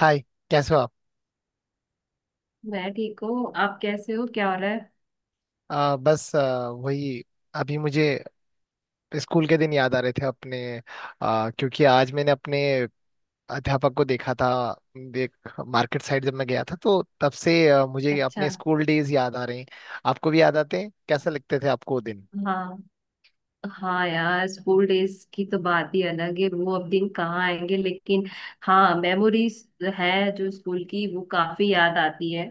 हाय। कैसे हो आप? मैं ठीक हूँ। आप कैसे हो? क्या हो रहा है? बस, वही। अभी मुझे स्कूल के दिन याद आ रहे थे अपने, क्योंकि आज मैंने अपने अध्यापक को देखा था। देख मार्केट साइड जब मैं गया था तो तब से मुझे अच्छा। अपने स्कूल डेज याद आ रहे हैं। आपको भी याद आते हैं? कैसे लगते थे आपको वो दिन? हाँ हाँ यार, स्कूल डेज की तो बात ही अलग है। वो अब दिन कहाँ आएंगे, लेकिन हाँ, मेमोरीज है जो स्कूल की, वो काफी याद आती है।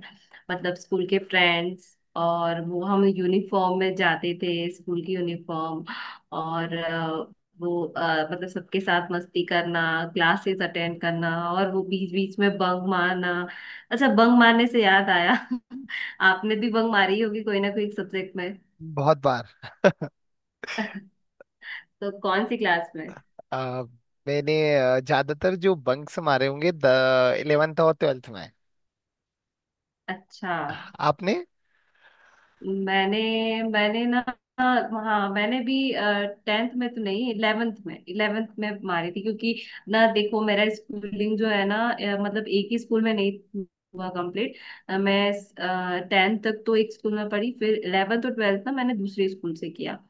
मतलब स्कूल के फ्रेंड्स, और वो हम यूनिफॉर्म में जाते थे, स्कूल की यूनिफॉर्म। और वो मतलब सबके साथ मस्ती करना, क्लासेस अटेंड करना, और वो बीच बीच में बंक मारना। अच्छा, बंक मारने से याद आया। आपने भी बंक मारी होगी कोई ना कोई सब्जेक्ट में। बहुत बार। तो कौन सी क्लास में? आ, मैंने ज्यादातर जो बंक्स मारे होंगे द इलेवेंथ और ट्वेल्थ में। अच्छा। आपने? मैंने मैंने ना, हाँ मैंने भी, टेंथ में तो नहीं, इलेवेंथ में, इलेवेंथ में मारी थी, क्योंकि ना देखो, मेरा स्कूलिंग जो है ना, मतलब एक ही स्कूल में नहीं हुआ कंप्लीट। मैं टेंथ तक तो एक स्कूल में पढ़ी, फिर इलेवेंथ और ट्वेल्थ ना मैंने दूसरे स्कूल से किया।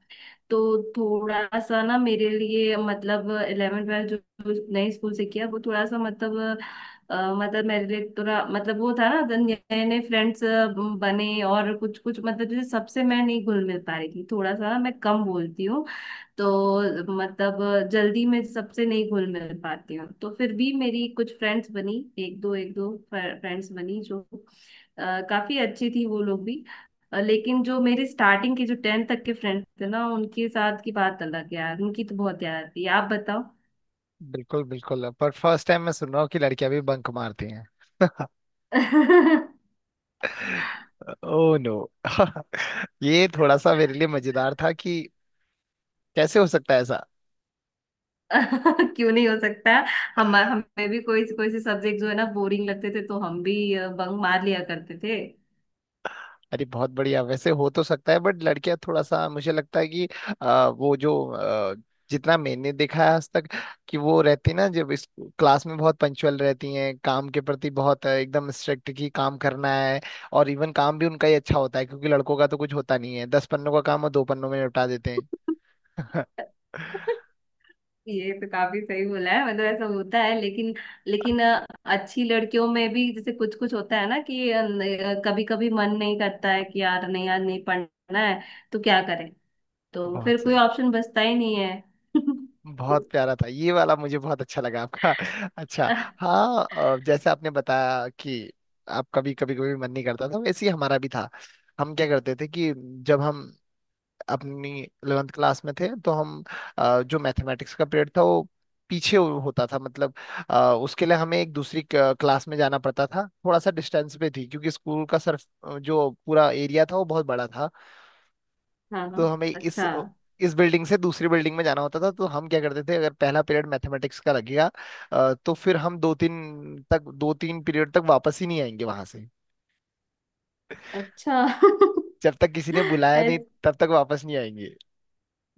तो थोड़ा सा ना मेरे लिए, मतलब इलेवन ट्वेल्थ जो जो नए स्कूल से किया, वो थोड़ा सा मतलब मतलब मेरे लिए थोड़ा मतलब वो था ना, तो नए नए फ्रेंड्स बने, और कुछ कुछ मतलब जैसे सबसे मैं नहीं घुल मिल पा रही थी। थोड़ा सा ना मैं कम बोलती हूँ, तो मतलब जल्दी मैं सबसे नहीं घुल मिल पाती हूँ। तो फिर भी मेरी कुछ फ्रेंड्स बनी, एक दो फ्रेंड्स बनी, जो काफी अच्छी थी वो लोग भी। लेकिन जो मेरे स्टार्टिंग के, जो टेंथ तक के फ्रेंड्स थे ना, उनके साथ की बात अलग है यार, उनकी तो बहुत याद थी। आप बताओ। बिल्कुल बिल्कुल, पर फर्स्ट टाइम मैं सुन रहा हूँ कि लड़कियां भी बंक मारती हैं। ओ नो ये थोड़ा सा मेरे लिए मजेदार था कि कैसे हो सकता है ऐसा। क्यों नहीं हो सकता? हम हमें भी कोई कोई से सब्जेक्ट जो है ना बोरिंग लगते थे, तो हम भी बंक मार लिया करते थे। अरे बहुत बढ़िया, वैसे हो तो सकता है, बट लड़कियां थोड़ा सा मुझे लगता है कि आ, वो जो आ, जितना मैंने देखा है आज तक कि वो रहती ना, जब इस क्लास में बहुत पंक्चुअल रहती हैं, काम के प्रति बहुत एकदम स्ट्रिक्ट, की काम करना है। और इवन काम भी उनका ही अच्छा होता है, क्योंकि लड़कों का तो कुछ होता नहीं है। दस पन्नों का काम और दो पन्नों में निपटा देते हैं ये तो काफी सही बोला है, मतलब ऐसा होता है, लेकिन लेकिन अच्छी लड़कियों में भी जैसे कुछ कुछ होता है ना कि कभी कभी मन नहीं करता है कि यार नहीं, यार नहीं पढ़ना है, तो क्या करें? तो बहुत फिर कोई सही। ऑप्शन बचता ही नहीं है। बहुत प्यारा था ये वाला, मुझे बहुत अच्छा लगा आपका अच्छा, हाँ, जैसे आपने बताया कि आप कभी कभी कभी मन नहीं करता था, वैसे ही हमारा भी था। हम क्या करते थे कि जब हम अपनी 11th क्लास में थे, तो हम जो मैथमेटिक्स का पीरियड था वो पीछे होता था। मतलब उसके लिए हमें एक दूसरी क्लास में जाना पड़ता था। थोड़ा सा डिस्टेंस पे थी, क्योंकि स्कूल का सर, जो पूरा एरिया था, वो बहुत बड़ा था। हाँ। तो हमें अच्छा। इस बिल्डिंग से दूसरी बिल्डिंग में जाना होता था। तो हम क्या करते थे, अगर पहला पीरियड मैथमेटिक्स का लगेगा, तो फिर हम दो तीन पीरियड तक वापस ही नहीं आएंगे वहां से, अच्छा। जब तक किसी ने बुलाया नहीं, ऐसे तब तक वापस नहीं आएंगे।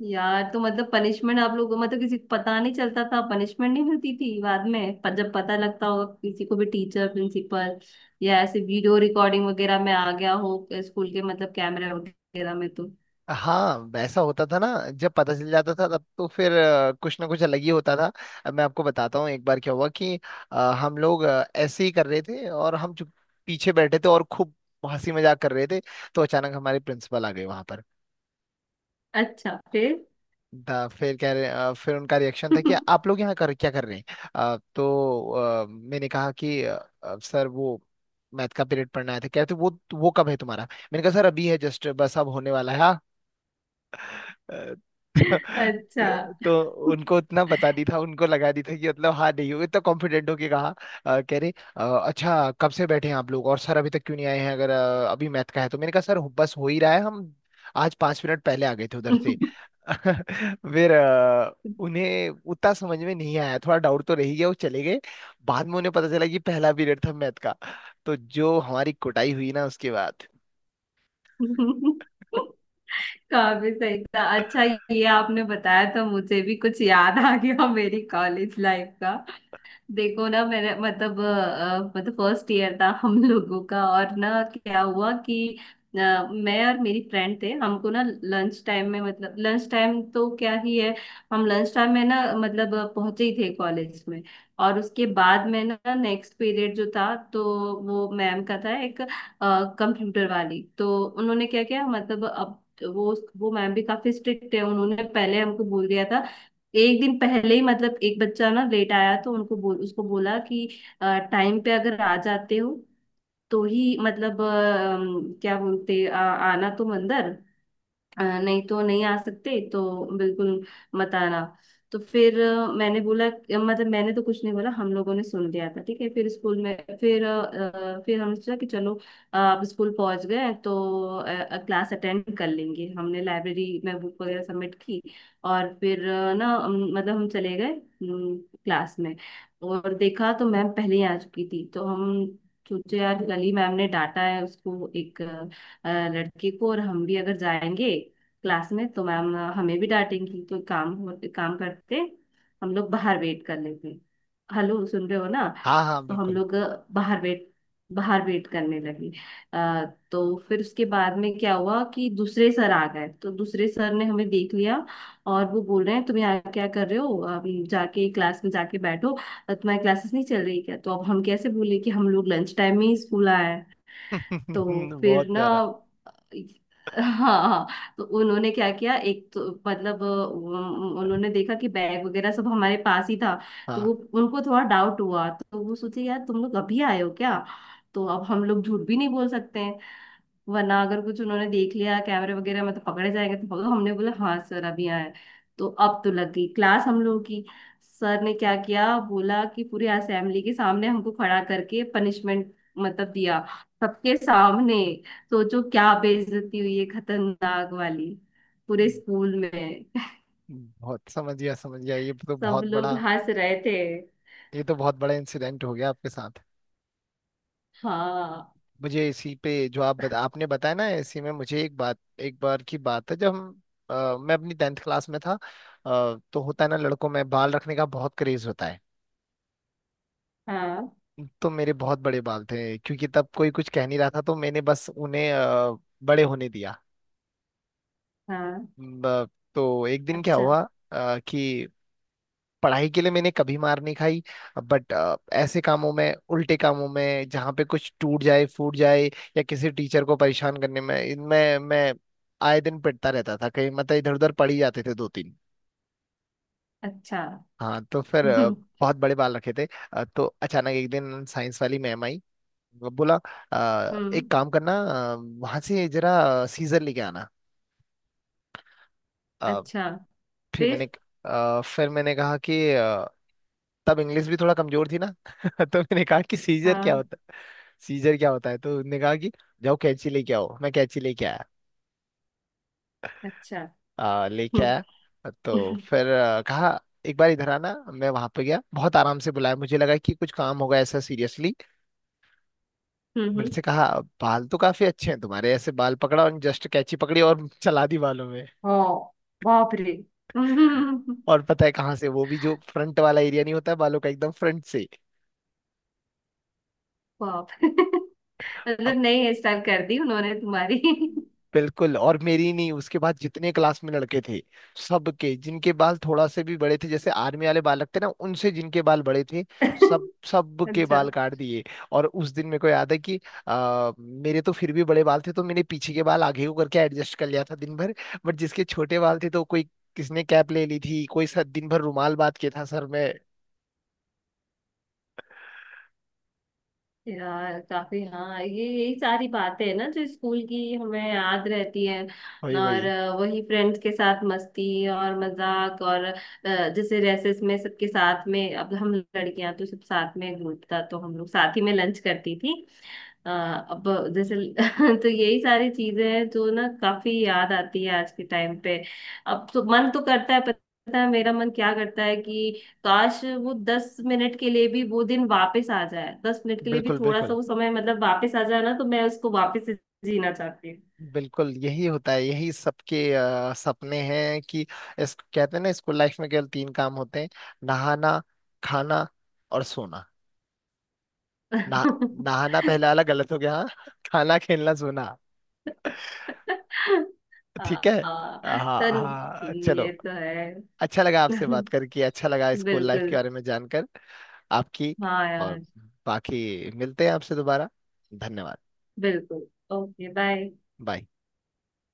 यार, तो मतलब पनिशमेंट आप लोगों को, मतलब किसी को पता नहीं चलता था? पनिशमेंट नहीं मिलती थी बाद में? पर जब पता लगता होगा किसी को भी, टीचर, प्रिंसिपल, या ऐसे वीडियो रिकॉर्डिंग वगैरह में आ गया हो स्कूल के, मतलब कैमरे वगैरह में तो? हाँ, वैसा होता था ना, जब पता चल जाता था तब तो फिर कुछ ना कुछ अलग ही होता था। अब मैं आपको बताता हूँ एक बार क्या हुआ कि हम लोग ऐसे ही कर रहे थे और हम चुप पीछे बैठे थे और खूब हंसी मजाक कर रहे थे। तो अचानक हमारे प्रिंसिपल आ गए वहां पर। अच्छा, फिर? था फिर कह रहे, फिर उनका रिएक्शन था कि आप लोग यहाँ कर क्या कर रहे हैं। मैंने कहा कि सर, वो मैथ का पीरियड पढ़ना आया था। कहते वो कब है तुम्हारा? मैंने कहा सर अभी है, जस्ट बस अब होने वाला है। अ, अच्छा। तो उनको इतना बता दी था, उनको लगा दी था कि मतलब हाँ नहीं होगा, इतना कॉन्फिडेंट होके कहा। कह रहे, अच्छा कब से बैठे हैं आप लोग और सर अभी तक क्यों नहीं आए हैं, अगर अभी मैथ का है? तो मैंने कहा सर बस हो ही रहा है, हम आज पांच मिनट पहले आ गए थे उधर से। फिर उन्हें उतना समझ में नहीं आया, थोड़ा डाउट तो रह ही गया, वो चले गए। बाद में उन्हें पता चला कि पहला पीरियड था मैथ का। तो जो हमारी कुटाई हुई ना उसके बाद। काफी सही था। अच्छा, ये आपने बताया तो मुझे भी कुछ याद आ गया मेरी कॉलेज लाइफ का। देखो ना, मैंने मतलब मतलब फर्स्ट ईयर था हम लोगों का, और ना क्या हुआ कि अ, मैं और मेरी फ्रेंड थे, हमको ना लंच टाइम में, मतलब लंच टाइम तो क्या ही है, हम लंच टाइम में ना मतलब पहुंचे ही थे कॉलेज में। और उसके बाद में ना नेक्स्ट पीरियड जो था, तो वो मैम का था एक, कंप्यूटर वाली। तो उन्होंने क्या किया मतलब, अब वो मैम भी काफी स्ट्रिक्ट है। उन्होंने पहले हमको बोल दिया था, एक दिन पहले ही, मतलब एक बच्चा ना लेट आया तो उनको बोल उसको बोला कि टाइम पे अगर आ जाते हो तो ही, मतलब क्या बोलते, आना तुम अंदर, नहीं तो नहीं आ सकते, तो बिल्कुल मत आना। तो फिर मैंने बोला, मतलब मैंने तो कुछ नहीं बोला, हम लोगों ने सुन लिया था, ठीक है। फिर स्कूल में फिर फिर हमने सोचा कि चलो अब स्कूल पहुंच गए हैं, तो क्लास अटेंड कर लेंगे। हमने लाइब्रेरी में बुक वगैरह सबमिट की, और फिर ना मतलब हम चले गए क्लास में, और देखा तो मैम पहले ही आ चुकी थी। तो हम सोचे यार, कल ही मैम ने डांटा है उसको एक लड़के को, और हम भी अगर जाएंगे क्लास में तो मैम हमें भी डांटेंगी। तो काम एक काम करते, हम लोग बाहर वेट कर लेते। हेलो, सुन रहे हो ना? हाँ हाँ तो हम बिल्कुल लोग बाहर वेट बाहर वेट करने लगे। अ, तो फिर उसके बाद में क्या हुआ कि दूसरे सर आ गए, तो दूसरे सर ने हमें देख लिया, और वो बोल रहे हैं, तुम यहाँ क्या कर रहे हो? अभी जाके क्लास में, जाके बैठो। तुम्हारी क्लासेस नहीं चल रही क्या? तो अब हम कैसे बोले कि हम लोग लंच टाइम में ही स्कूल आए। तो फिर बहुत ना, प्यारा। हाँ, हाँ, तो उन्होंने क्या किया, एक तो मतलब उन्होंने देखा कि बैग वगैरह सब हमारे पास ही था, तो हाँ, वो, उनको थोड़ा डाउट हुआ, तो वो सोचे यार तुम लोग अभी आए हो क्या? तो अब हम लोग झूठ भी नहीं बोल सकते हैं, वरना अगर कुछ उन्होंने देख लिया कैमरे वगैरह में तो पकड़े जाएंगे, तो पकड़ो। हमने बोला, हाँ सर अभी आए। तो अब तो लग गई क्लास हम लोगों की। सर ने क्या किया, बोला कि पूरी असेंबली के सामने हमको खड़ा करके पनिशमेंट मतलब दिया, सबके सामने। सोचो क्या बेइज्जती हुई है, खतरनाक वाली, पूरे स्कूल में। बहुत समझ गया समझ गया, ये तो सब बहुत बड़ा, लोग हंस रहे थे। ये तो बहुत बड़ा इंसिडेंट हो गया आपके साथ। हाँ मुझे इसी पे जो आप आपने बताया ना, इसी में मुझे एक बात, एक बार की बात है, जब हम मैं अपनी टेंथ क्लास में था, तो होता है ना, लड़कों में बाल रखने का बहुत क्रेज होता है। हाँ तो मेरे बहुत बड़े बाल थे, क्योंकि तब कोई कुछ कह नहीं रहा था, तो मैंने बस उन्हें बड़े होने दिया। हाँ। ब- तो एक दिन क्या अच्छा। हुआ कि पढ़ाई के लिए मैंने कभी मार नहीं खाई, बट ऐसे कामों में, उल्टे कामों में, जहाँ पे कुछ टूट जाए फूट जाए या किसी टीचर को परेशान करने में, इनमें मैं आए दिन पिटता रहता था। कहीं मतलब इधर उधर पड़ ही जाते थे दो तीन। अच्छा। हाँ, तो फिर बहुत बड़े बाल रखे थे। तो अचानक एक दिन साइंस वाली मैम आई। वो बोला, एक हम्म। काम करना, अ, वहाँ से जरा सीजर लेके आना। अ, अच्छा फिर फिर? मैंने, फिर मैंने कहा कि तब इंग्लिश भी थोड़ा कमजोर थी ना तो मैंने कहा कि सीजर क्या हाँ। होता है? सीजर क्या होता है? तो उन्होंने कहा कि जाओ कैंची लेके आओ। मैं कैंची लेके आया, अच्छा। लेके आया। तो फिर कहा एक बार इधर आना। मैं वहां पे गया, बहुत आराम से बुलाया, मुझे लगा कि कुछ काम होगा ऐसा सीरियसली। हम्म। मेरे से कहा बाल तो काफी अच्छे हैं तुम्हारे, ऐसे बाल पकड़ा और जस्ट कैंची पकड़ी और चला दी बालों में। हाँ। बाप रे। हम्म। और पता है कहाँ से? वो भी जो फ्रंट वाला एरिया नहीं होता है बालों का, एकदम फ्रंट से। बाप। मतलब नई हेयर स्टाइल कर दी उन्होंने तुम्हारी? बिल्कुल, और मेरी नहीं, उसके बाद जितने क्लास में लड़के थे, सबके, जिनके बाल थोड़ा से भी बड़े थे, जैसे आर्मी वाले बाल लगते ना, उनसे जिनके बाल बड़े थे, सब सब के अच्छा। बाल काट दिए। और उस दिन मेरे को याद है कि मेरे तो फिर भी बड़े बाल थे, तो मैंने पीछे के बाल आगे को करके एडजस्ट कर लिया था दिन भर। बट जिसके छोटे बाल थे, तो कोई, किसने कैप ले ली थी, कोई सर दिन भर रुमाल बांध के था सर में। यार काफी, हाँ, ये यही सारी बातें हैं ना जो स्कूल की हमें याद रहती है। वही और वही। वही फ्रेंड्स के साथ मस्ती और मजाक, और जैसे रेसेस में सबके साथ में, अब हम लड़कियां तो सब साथ में ग्रुप था तो हम लोग साथ ही में लंच करती थी। अब जैसे। तो यही सारी चीजें हैं जो ना काफी याद आती है आज के टाइम पे। अब तो मन तो करता है, पता है मेरा मन क्या करता है कि काश वो 10 मिनट के लिए भी, वो दिन वापस आ जाए 10 मिनट के लिए भी, बिल्कुल थोड़ा सा बिल्कुल वो समय मतलब वापस आ जाए ना, तो मैं उसको वापस से जीना चाहती हूँ। बिल्कुल, यही होता है, यही सबके सपने हैं कि इस, कहते हैं ना स्कूल लाइफ में केवल तीन काम होते हैं। नहाना, खाना और सोना। ना, नहाना पहले वाला गलत हो गया, हाँ खाना खेलना सोना। ठीक हाँ। है। हाँ, तो हाँ ये चलो। तो है। अच्छा लगा आपसे बात करके, अच्छा लगा स्कूल लाइफ बिल्कुल। के बारे में जानकर आपकी। हाँ और यार। बाकी मिलते हैं आपसे दोबारा। धन्यवाद। बिल्कुल। Okay, bye. बाय।